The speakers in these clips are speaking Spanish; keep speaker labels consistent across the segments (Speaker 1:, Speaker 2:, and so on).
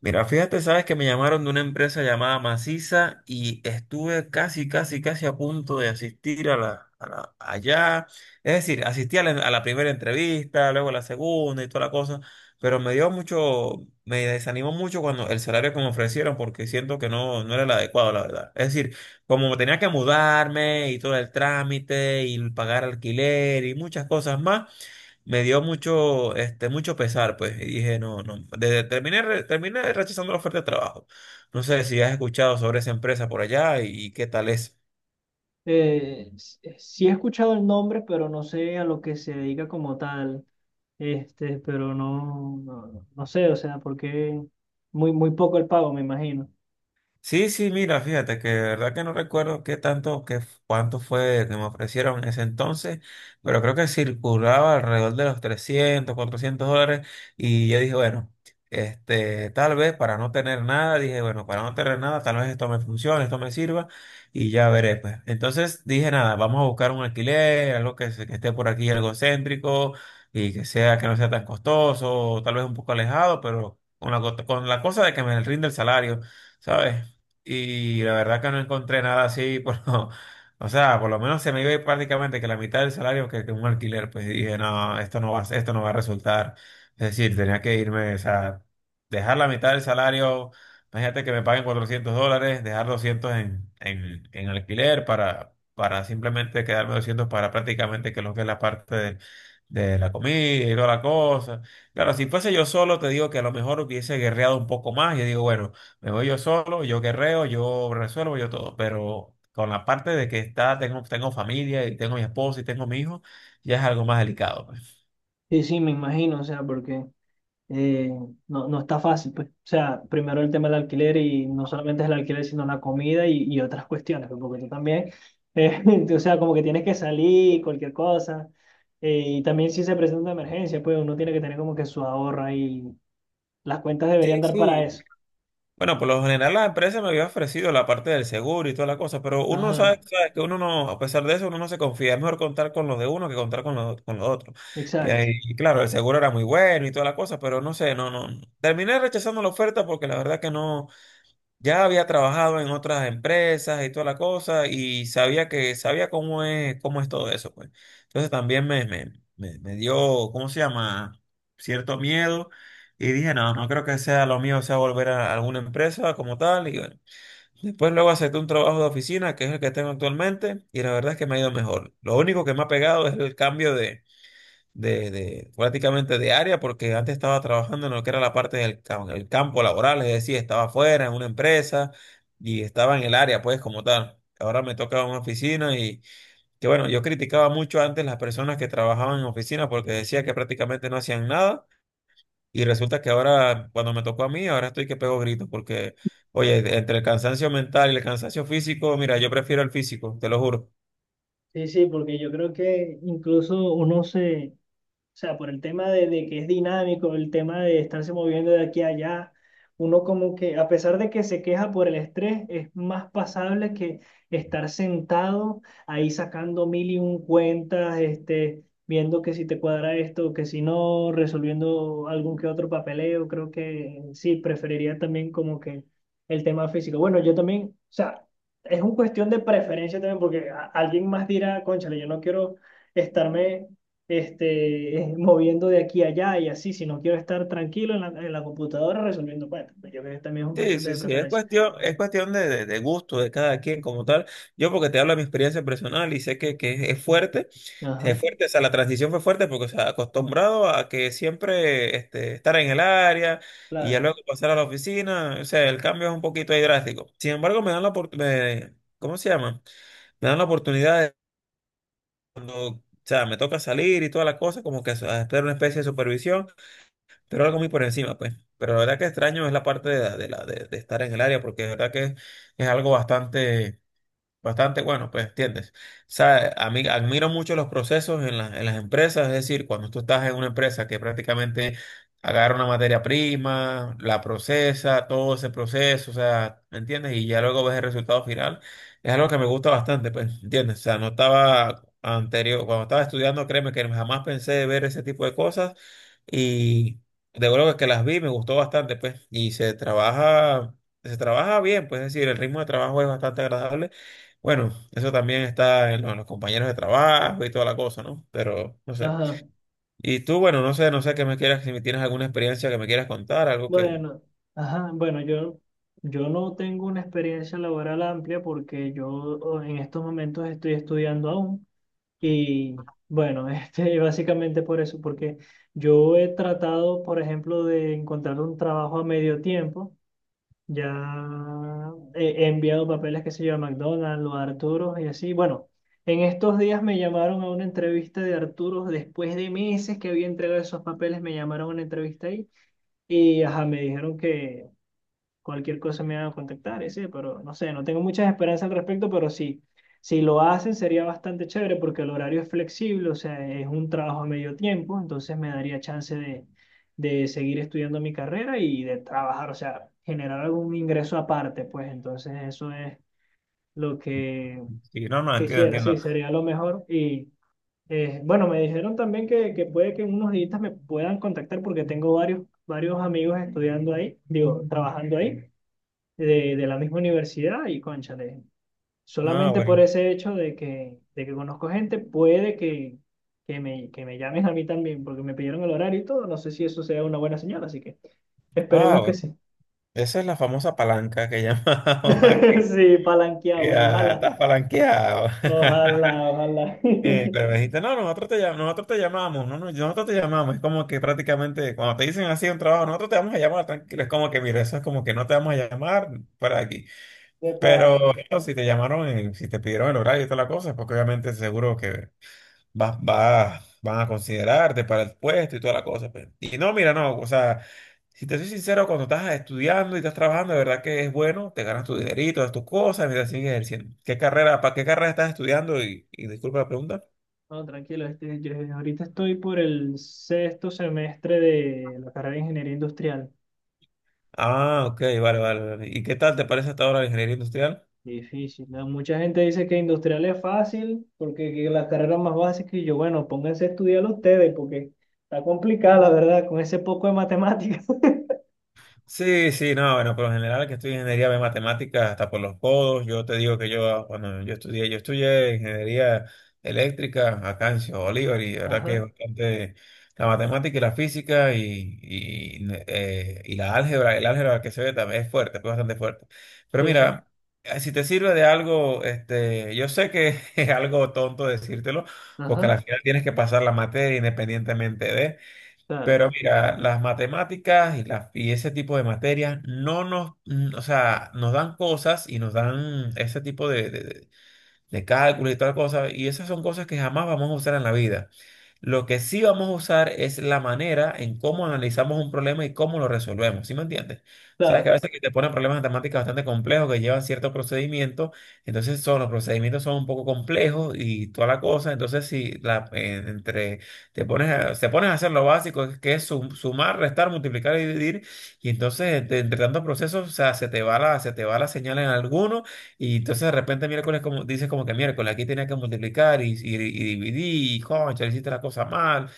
Speaker 1: Mira, fíjate, sabes que me llamaron de una empresa llamada Maciza y estuve casi, casi, casi a punto de asistir a la, allá. Es decir, asistí a la primera entrevista, luego a la segunda y toda la cosa, pero me dio mucho, me desanimó mucho cuando el salario que me ofrecieron porque siento que no era el adecuado, la verdad. Es decir, como tenía que mudarme y todo el trámite y pagar alquiler y muchas cosas más me dio mucho, mucho pesar, pues, y dije, no, no, terminé, terminé rechazando la oferta de trabajo. No sé si has escuchado sobre esa empresa por allá y qué tal es.
Speaker 2: Sí, he escuchado el nombre, pero no sé a lo que se dedica como tal. Pero no sé, o sea, porque muy poco el pago, me imagino.
Speaker 1: Sí, sí, mira, fíjate que de verdad que no recuerdo qué tanto, cuánto fue que me ofrecieron en ese entonces, pero creo que circulaba alrededor de los $300, $400 y yo dije, bueno, tal vez para no tener nada, dije, bueno, para no tener nada, tal vez esto me funcione, esto me sirva y ya veré, pues. Entonces dije, nada, vamos a buscar un alquiler, algo que, que esté por aquí, algo céntrico y que sea, que no sea tan costoso, tal vez un poco alejado, pero con la, con la cosa de que me rinde el salario. ¿Sabes? Y la verdad que no encontré nada así, o sea, por lo menos se me iba a ir prácticamente que la mitad del salario que un alquiler, pues dije, no, esto no va, esto no va a resultar. Es decir, tenía que irme, o sea, dejar la mitad del salario, imagínate que me paguen $400, dejar 200 en alquiler para simplemente quedarme 200 para prácticamente que lo que es la parte de la comida y toda la cosa. Claro, si fuese yo solo, te digo que a lo mejor hubiese guerreado un poco más, yo digo, bueno. Me voy yo solo, yo guerreo, yo resuelvo, yo todo. Pero con la parte de que está, tengo familia y tengo mi esposa y tengo mi hijo, ya es algo más delicado, pues.
Speaker 2: Sí, sí, me imagino, o sea, porque eh, no está fácil, pues. O sea, primero el tema del alquiler y no solamente es el alquiler, sino la comida y otras cuestiones, pues, porque tú también, eh, o sea, como que tienes que salir, cualquier cosa. Y también si se presenta una emergencia, pues uno tiene que tener como que su ahorro y las cuentas
Speaker 1: Sí,
Speaker 2: deberían dar para
Speaker 1: sí.
Speaker 2: eso.
Speaker 1: Bueno, por lo general la empresa me había ofrecido la parte del seguro y toda la cosa, pero uno
Speaker 2: Ajá,
Speaker 1: sabe, sabe que uno no, a pesar de eso, uno no se confía. Es mejor contar con los de uno que contar con los otros. Y
Speaker 2: exacto.
Speaker 1: ahí, y claro, el seguro era muy bueno y toda la cosa, pero no sé, no, no. Terminé rechazando la oferta porque la verdad que no. Ya había trabajado en otras empresas y toda la cosa y sabía que sabía cómo es todo eso, pues. Entonces también me dio, ¿cómo se llama? Cierto miedo y dije, no, no creo que sea lo mío, sea volver a alguna empresa como tal y bueno. Después luego acepté un trabajo de oficina, que es el que tengo actualmente y la verdad es que me ha ido mejor. Lo único que me ha pegado es el cambio de, prácticamente de área, porque antes estaba trabajando en lo que era la parte el campo laboral, es decir, estaba afuera en una empresa y estaba en el área, pues, como tal. Ahora me toca una oficina y que bueno, yo criticaba mucho antes las personas que trabajaban en oficina porque decía que prácticamente no hacían nada y resulta que ahora, cuando me tocó a mí, ahora estoy que pego gritos porque, oye, entre el cansancio mental y el cansancio físico, mira, yo prefiero el físico, te lo juro.
Speaker 2: Sí, sí, porque yo creo que incluso uno se... O sea, por el tema de que es dinámico, el tema de estarse moviendo de aquí a allá, uno como que, a pesar de que se queja por el estrés, es más pasable que estar sentado ahí sacando mil y un cuentas, viendo que si te cuadra esto, que si no, resolviendo algún que otro papeleo. Creo que sí, preferiría también como que el tema físico. Bueno, yo también, o sea, es una cuestión de preferencia también, porque alguien más dirá, cónchale, yo no quiero estarme moviendo de aquí a allá y así, si no quiero estar tranquilo en en la computadora resolviendo cuentas. Pues yo creo que también es una
Speaker 1: Sí,
Speaker 2: cuestión
Speaker 1: sí,
Speaker 2: de
Speaker 1: sí,
Speaker 2: preferencia.
Speaker 1: es cuestión de gusto de cada quien como tal. Yo porque te hablo de mi experiencia personal y sé que
Speaker 2: Ajá,
Speaker 1: es fuerte, o sea, la transición fue fuerte porque, o sea, acostumbrado a que siempre estar en el área y ya
Speaker 2: claro.
Speaker 1: luego pasar a la oficina, o sea, el cambio es un poquito ahí drástico. Sin embargo, me dan la oportunidad, ¿cómo se llama? Me dan la oportunidad de cuando, o sea, me toca salir y toda la cosa, como que hacer una especie de supervisión pero algo muy por encima, pues. Pero la verdad que extraño es la parte de estar en el área, porque la verdad que es algo bastante bastante bueno, pues, ¿entiendes? O sea, a mí admiro mucho los procesos en en las empresas, es decir, cuando tú estás en una empresa que prácticamente agarra una materia prima, la procesa, todo ese proceso, o sea, ¿me entiendes? Y ya luego ves el resultado final, es algo que me gusta bastante, pues, ¿entiendes? O sea, no estaba anterior, cuando estaba estudiando, créeme que jamás pensé de ver ese tipo de cosas y de luego que las vi, me gustó bastante, pues, y se trabaja bien, pues, es decir, el ritmo de trabajo es bastante agradable, bueno, eso también está en en los compañeros de trabajo y toda la cosa, ¿no? Pero no sé.
Speaker 2: Ajá,
Speaker 1: Y tú, bueno, no sé, no sé qué me quieras, si me tienes alguna experiencia que me quieras contar, algo que...
Speaker 2: bueno, ajá, bueno, yo, yo no tengo una experiencia laboral amplia porque yo en estos momentos estoy estudiando aún y bueno, básicamente por eso, porque yo he tratado, por ejemplo, de encontrar un trabajo a medio tiempo. Ya he enviado papeles, que se yo, a McDonald's o a Arturos y así. Bueno, en estos días me llamaron a una entrevista de Arturos. Después de meses que había entregado esos papeles, me llamaron a una entrevista ahí. Y ajá, me dijeron que cualquier cosa me van a contactar, ese, pero no sé, no tengo muchas esperanzas al respecto, pero sí, si lo hacen sería bastante chévere porque el horario es flexible, o sea, es un trabajo a medio tiempo, entonces me daría chance de seguir estudiando mi carrera y de trabajar, o sea, generar algún ingreso aparte, pues entonces eso es lo que
Speaker 1: Sí, no, no, entiendo,
Speaker 2: quisiera, sí,
Speaker 1: entiendo.
Speaker 2: sería lo mejor y... Bueno, me dijeron también que puede que en unos días me puedan contactar porque tengo varios amigos estudiando ahí, digo, trabajando ahí de la misma universidad y cónchale,
Speaker 1: Ah,
Speaker 2: solamente por
Speaker 1: bueno.
Speaker 2: ese hecho de que conozco gente, puede que, que me llamen a mí también, porque me pidieron el horario y todo, no sé si eso sea una buena señal, así que
Speaker 1: Ah,
Speaker 2: esperemos que
Speaker 1: bueno.
Speaker 2: sí.
Speaker 1: Esa es la famosa palanca que llamamos aquí.
Speaker 2: Sí, palanqueado, bueno,
Speaker 1: Ya,
Speaker 2: ojalá,
Speaker 1: estás palanqueado.
Speaker 2: ojalá, ojalá.
Speaker 1: Pero me dijiste, no, nosotros te, nosotros te llamamos, no, no, nosotros te llamamos. Es como que prácticamente cuando te dicen así un trabajo, nosotros te vamos a llamar, tranquilo. Es como que, mira, eso es como que no te vamos a llamar para aquí.
Speaker 2: Epa.
Speaker 1: Pero bueno, si te llamaron, si te pidieron el horario y toda la cosa, porque obviamente seguro que van a considerarte para el puesto y toda la cosa, pues. Y no, mira, no, o sea, si te soy sincero, cuando estás estudiando y estás trabajando, de verdad que es bueno, te ganas tu dinerito, das tus cosas, mientras sigues ejerciendo. ¿Qué carrera, para qué carrera estás estudiando? Y disculpa la pregunta.
Speaker 2: No, tranquilo, yo ahorita estoy por el sexto semestre de la carrera de Ingeniería Industrial.
Speaker 1: Ah, ok, vale, vale, vale. ¿Y qué tal te parece hasta ahora la ingeniería industrial?
Speaker 2: Difícil, ¿no? Mucha gente dice que industrial es fácil porque que las carreras más básicas y yo, bueno, pónganse a estudiar ustedes porque está complicada la verdad con ese poco de matemáticas.
Speaker 1: Sí, sí, no, bueno, por lo general que estudio ingeniería de matemáticas hasta por los codos, yo te digo que yo cuando yo estudié ingeniería eléctrica acá en Ciudad Bolívar y la verdad que es
Speaker 2: Ajá,
Speaker 1: bastante la matemática y la física y la álgebra, el álgebra que se ve también es fuerte, es bastante fuerte. Pero
Speaker 2: sí, sí,
Speaker 1: mira, si te sirve de algo, yo sé que es algo tonto decírtelo, porque
Speaker 2: ajá,
Speaker 1: al final tienes que pasar la materia independientemente de...
Speaker 2: claro,
Speaker 1: Pero mira, las matemáticas y ese tipo de materias no nos, o sea, nos dan cosas y nos dan ese tipo de cálculo y tal cosa, y esas son cosas que jamás vamos a usar en la vida. Lo que sí vamos a usar es la manera en cómo analizamos un problema y cómo lo resolvemos, ¿sí me entiendes? Sabes que a
Speaker 2: claro,
Speaker 1: veces que te ponen problemas matemáticos bastante complejos que llevan ciertos procedimientos, entonces son, los procedimientos son un poco complejos y toda la cosa, entonces si la, te pones a hacer lo básico, que es sumar, restar, multiplicar y dividir, y entonces entre tantos procesos, o sea, se te va la señal en alguno y entonces de repente miércoles como, dices como que miércoles aquí tenía que multiplicar y dividir, y concha, hiciste la cosa mal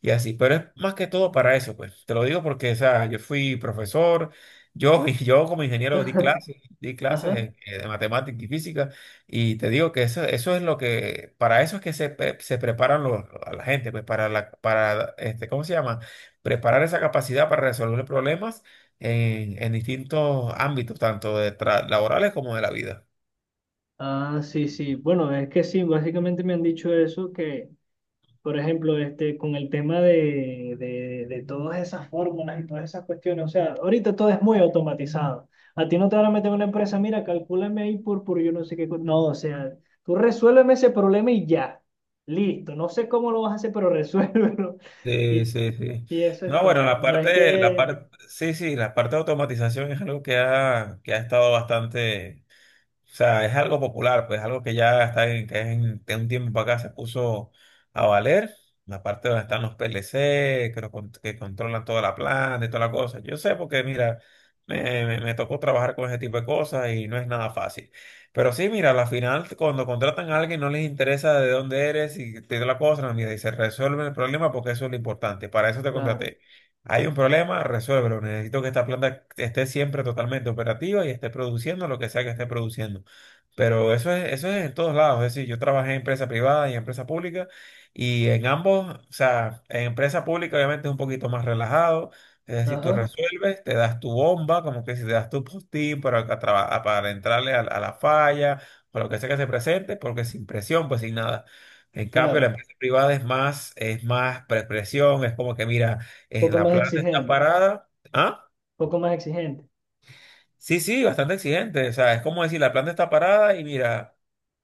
Speaker 1: y así. Pero es más que todo para eso, pues. Te lo digo porque, o sea, yo fui profesor, yo, y yo como ingeniero di clases
Speaker 2: ajá.
Speaker 1: de matemática y física y te digo que eso es lo que, para eso es que se, se preparan los, a la gente, pues para la, para, ¿cómo se llama? Preparar esa capacidad para resolver problemas en distintos ámbitos, tanto de laborales como de la vida.
Speaker 2: Ah, sí, sí, bueno, es que sí, básicamente me han dicho eso, que... Por ejemplo, con el tema de todas esas fórmulas y todas esas cuestiones, o sea, ahorita todo es muy automatizado. A ti no te van a meter en una empresa, mira, calcúlame ahí por yo no sé qué. Co-". No, o sea, tú resuélveme ese problema y ya. Listo. No sé cómo lo vas a hacer, pero resuélvelo.
Speaker 1: Sí,
Speaker 2: Y,
Speaker 1: sí, sí.
Speaker 2: y eso es
Speaker 1: No, bueno,
Speaker 2: todo. No es
Speaker 1: la
Speaker 2: que.
Speaker 1: parte, sí, sí, la parte de automatización es algo que ha estado bastante. O sea, es algo popular, pues algo que ya está en, que es en, de un tiempo para acá se puso a valer. La parte donde están los PLC, que, que controlan toda la planta y toda la cosa. Yo sé porque, mira, me tocó trabajar con ese tipo de cosas y no es nada fácil. Pero sí, mira, a la final, cuando contratan a alguien, no les interesa de dónde eres y te dio la cosa, no, mira, y se resuelve el problema porque eso es lo importante. Para eso te
Speaker 2: Claro.
Speaker 1: contraté. Hay un problema, resuélvelo. Necesito que esta planta esté siempre totalmente operativa y esté produciendo lo que sea que esté produciendo. Pero eso es en todos lados. Es decir, yo trabajé en empresa privada y en empresa pública y en ambos, o sea, en empresa pública obviamente es un poquito más relajado. Es decir, tú, claro,
Speaker 2: Ajá.
Speaker 1: resuelves, te das tu bomba, como que si te das tu postín para, para entrarle a la, a la falla o lo que sea que se presente, porque sin presión, pues sin nada. En cambio, la,
Speaker 2: Claro.
Speaker 1: claro, empresa privada es más presión, es como que, mira,
Speaker 2: Poco
Speaker 1: la
Speaker 2: más
Speaker 1: planta está
Speaker 2: exigente.
Speaker 1: parada. ¿Ah?
Speaker 2: Poco más exigente.
Speaker 1: Sí, sí, bastante exigente. O sea, es como decir, la planta está parada y mira,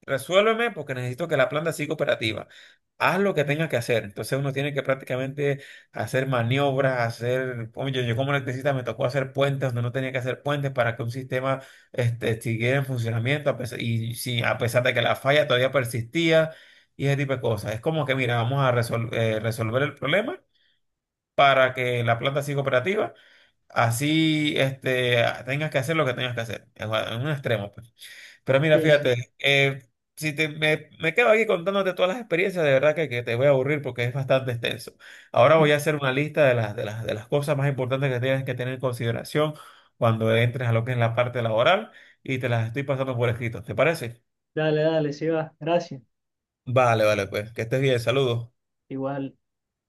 Speaker 1: resuélveme porque necesito que la planta siga operativa. Haz lo que tengas que hacer. Entonces uno tiene que prácticamente hacer maniobras, hacer... Oye, yo como electricista me tocó hacer puentes donde no tenía que hacer puentes para que un sistema, siguiera en funcionamiento y sí, a pesar de que la falla todavía persistía y ese tipo de cosas. Es como que, mira, vamos a resolver el problema para que la planta siga operativa. Así, tengas que hacer lo que tengas que hacer, en un extremo, pues. Pero mira,
Speaker 2: Sí, sí.
Speaker 1: fíjate, si te, me quedo aquí contándote todas las experiencias, de verdad que te voy a aburrir porque es bastante extenso. Ahora voy a hacer una lista de las cosas más importantes que tienes que tener en consideración cuando entres a lo que es la parte laboral y te las estoy pasando por escrito, ¿te parece?
Speaker 2: Dale, dale, sí va. Gracias.
Speaker 1: Vale, vale, pues, que estés bien, saludos.
Speaker 2: Igual.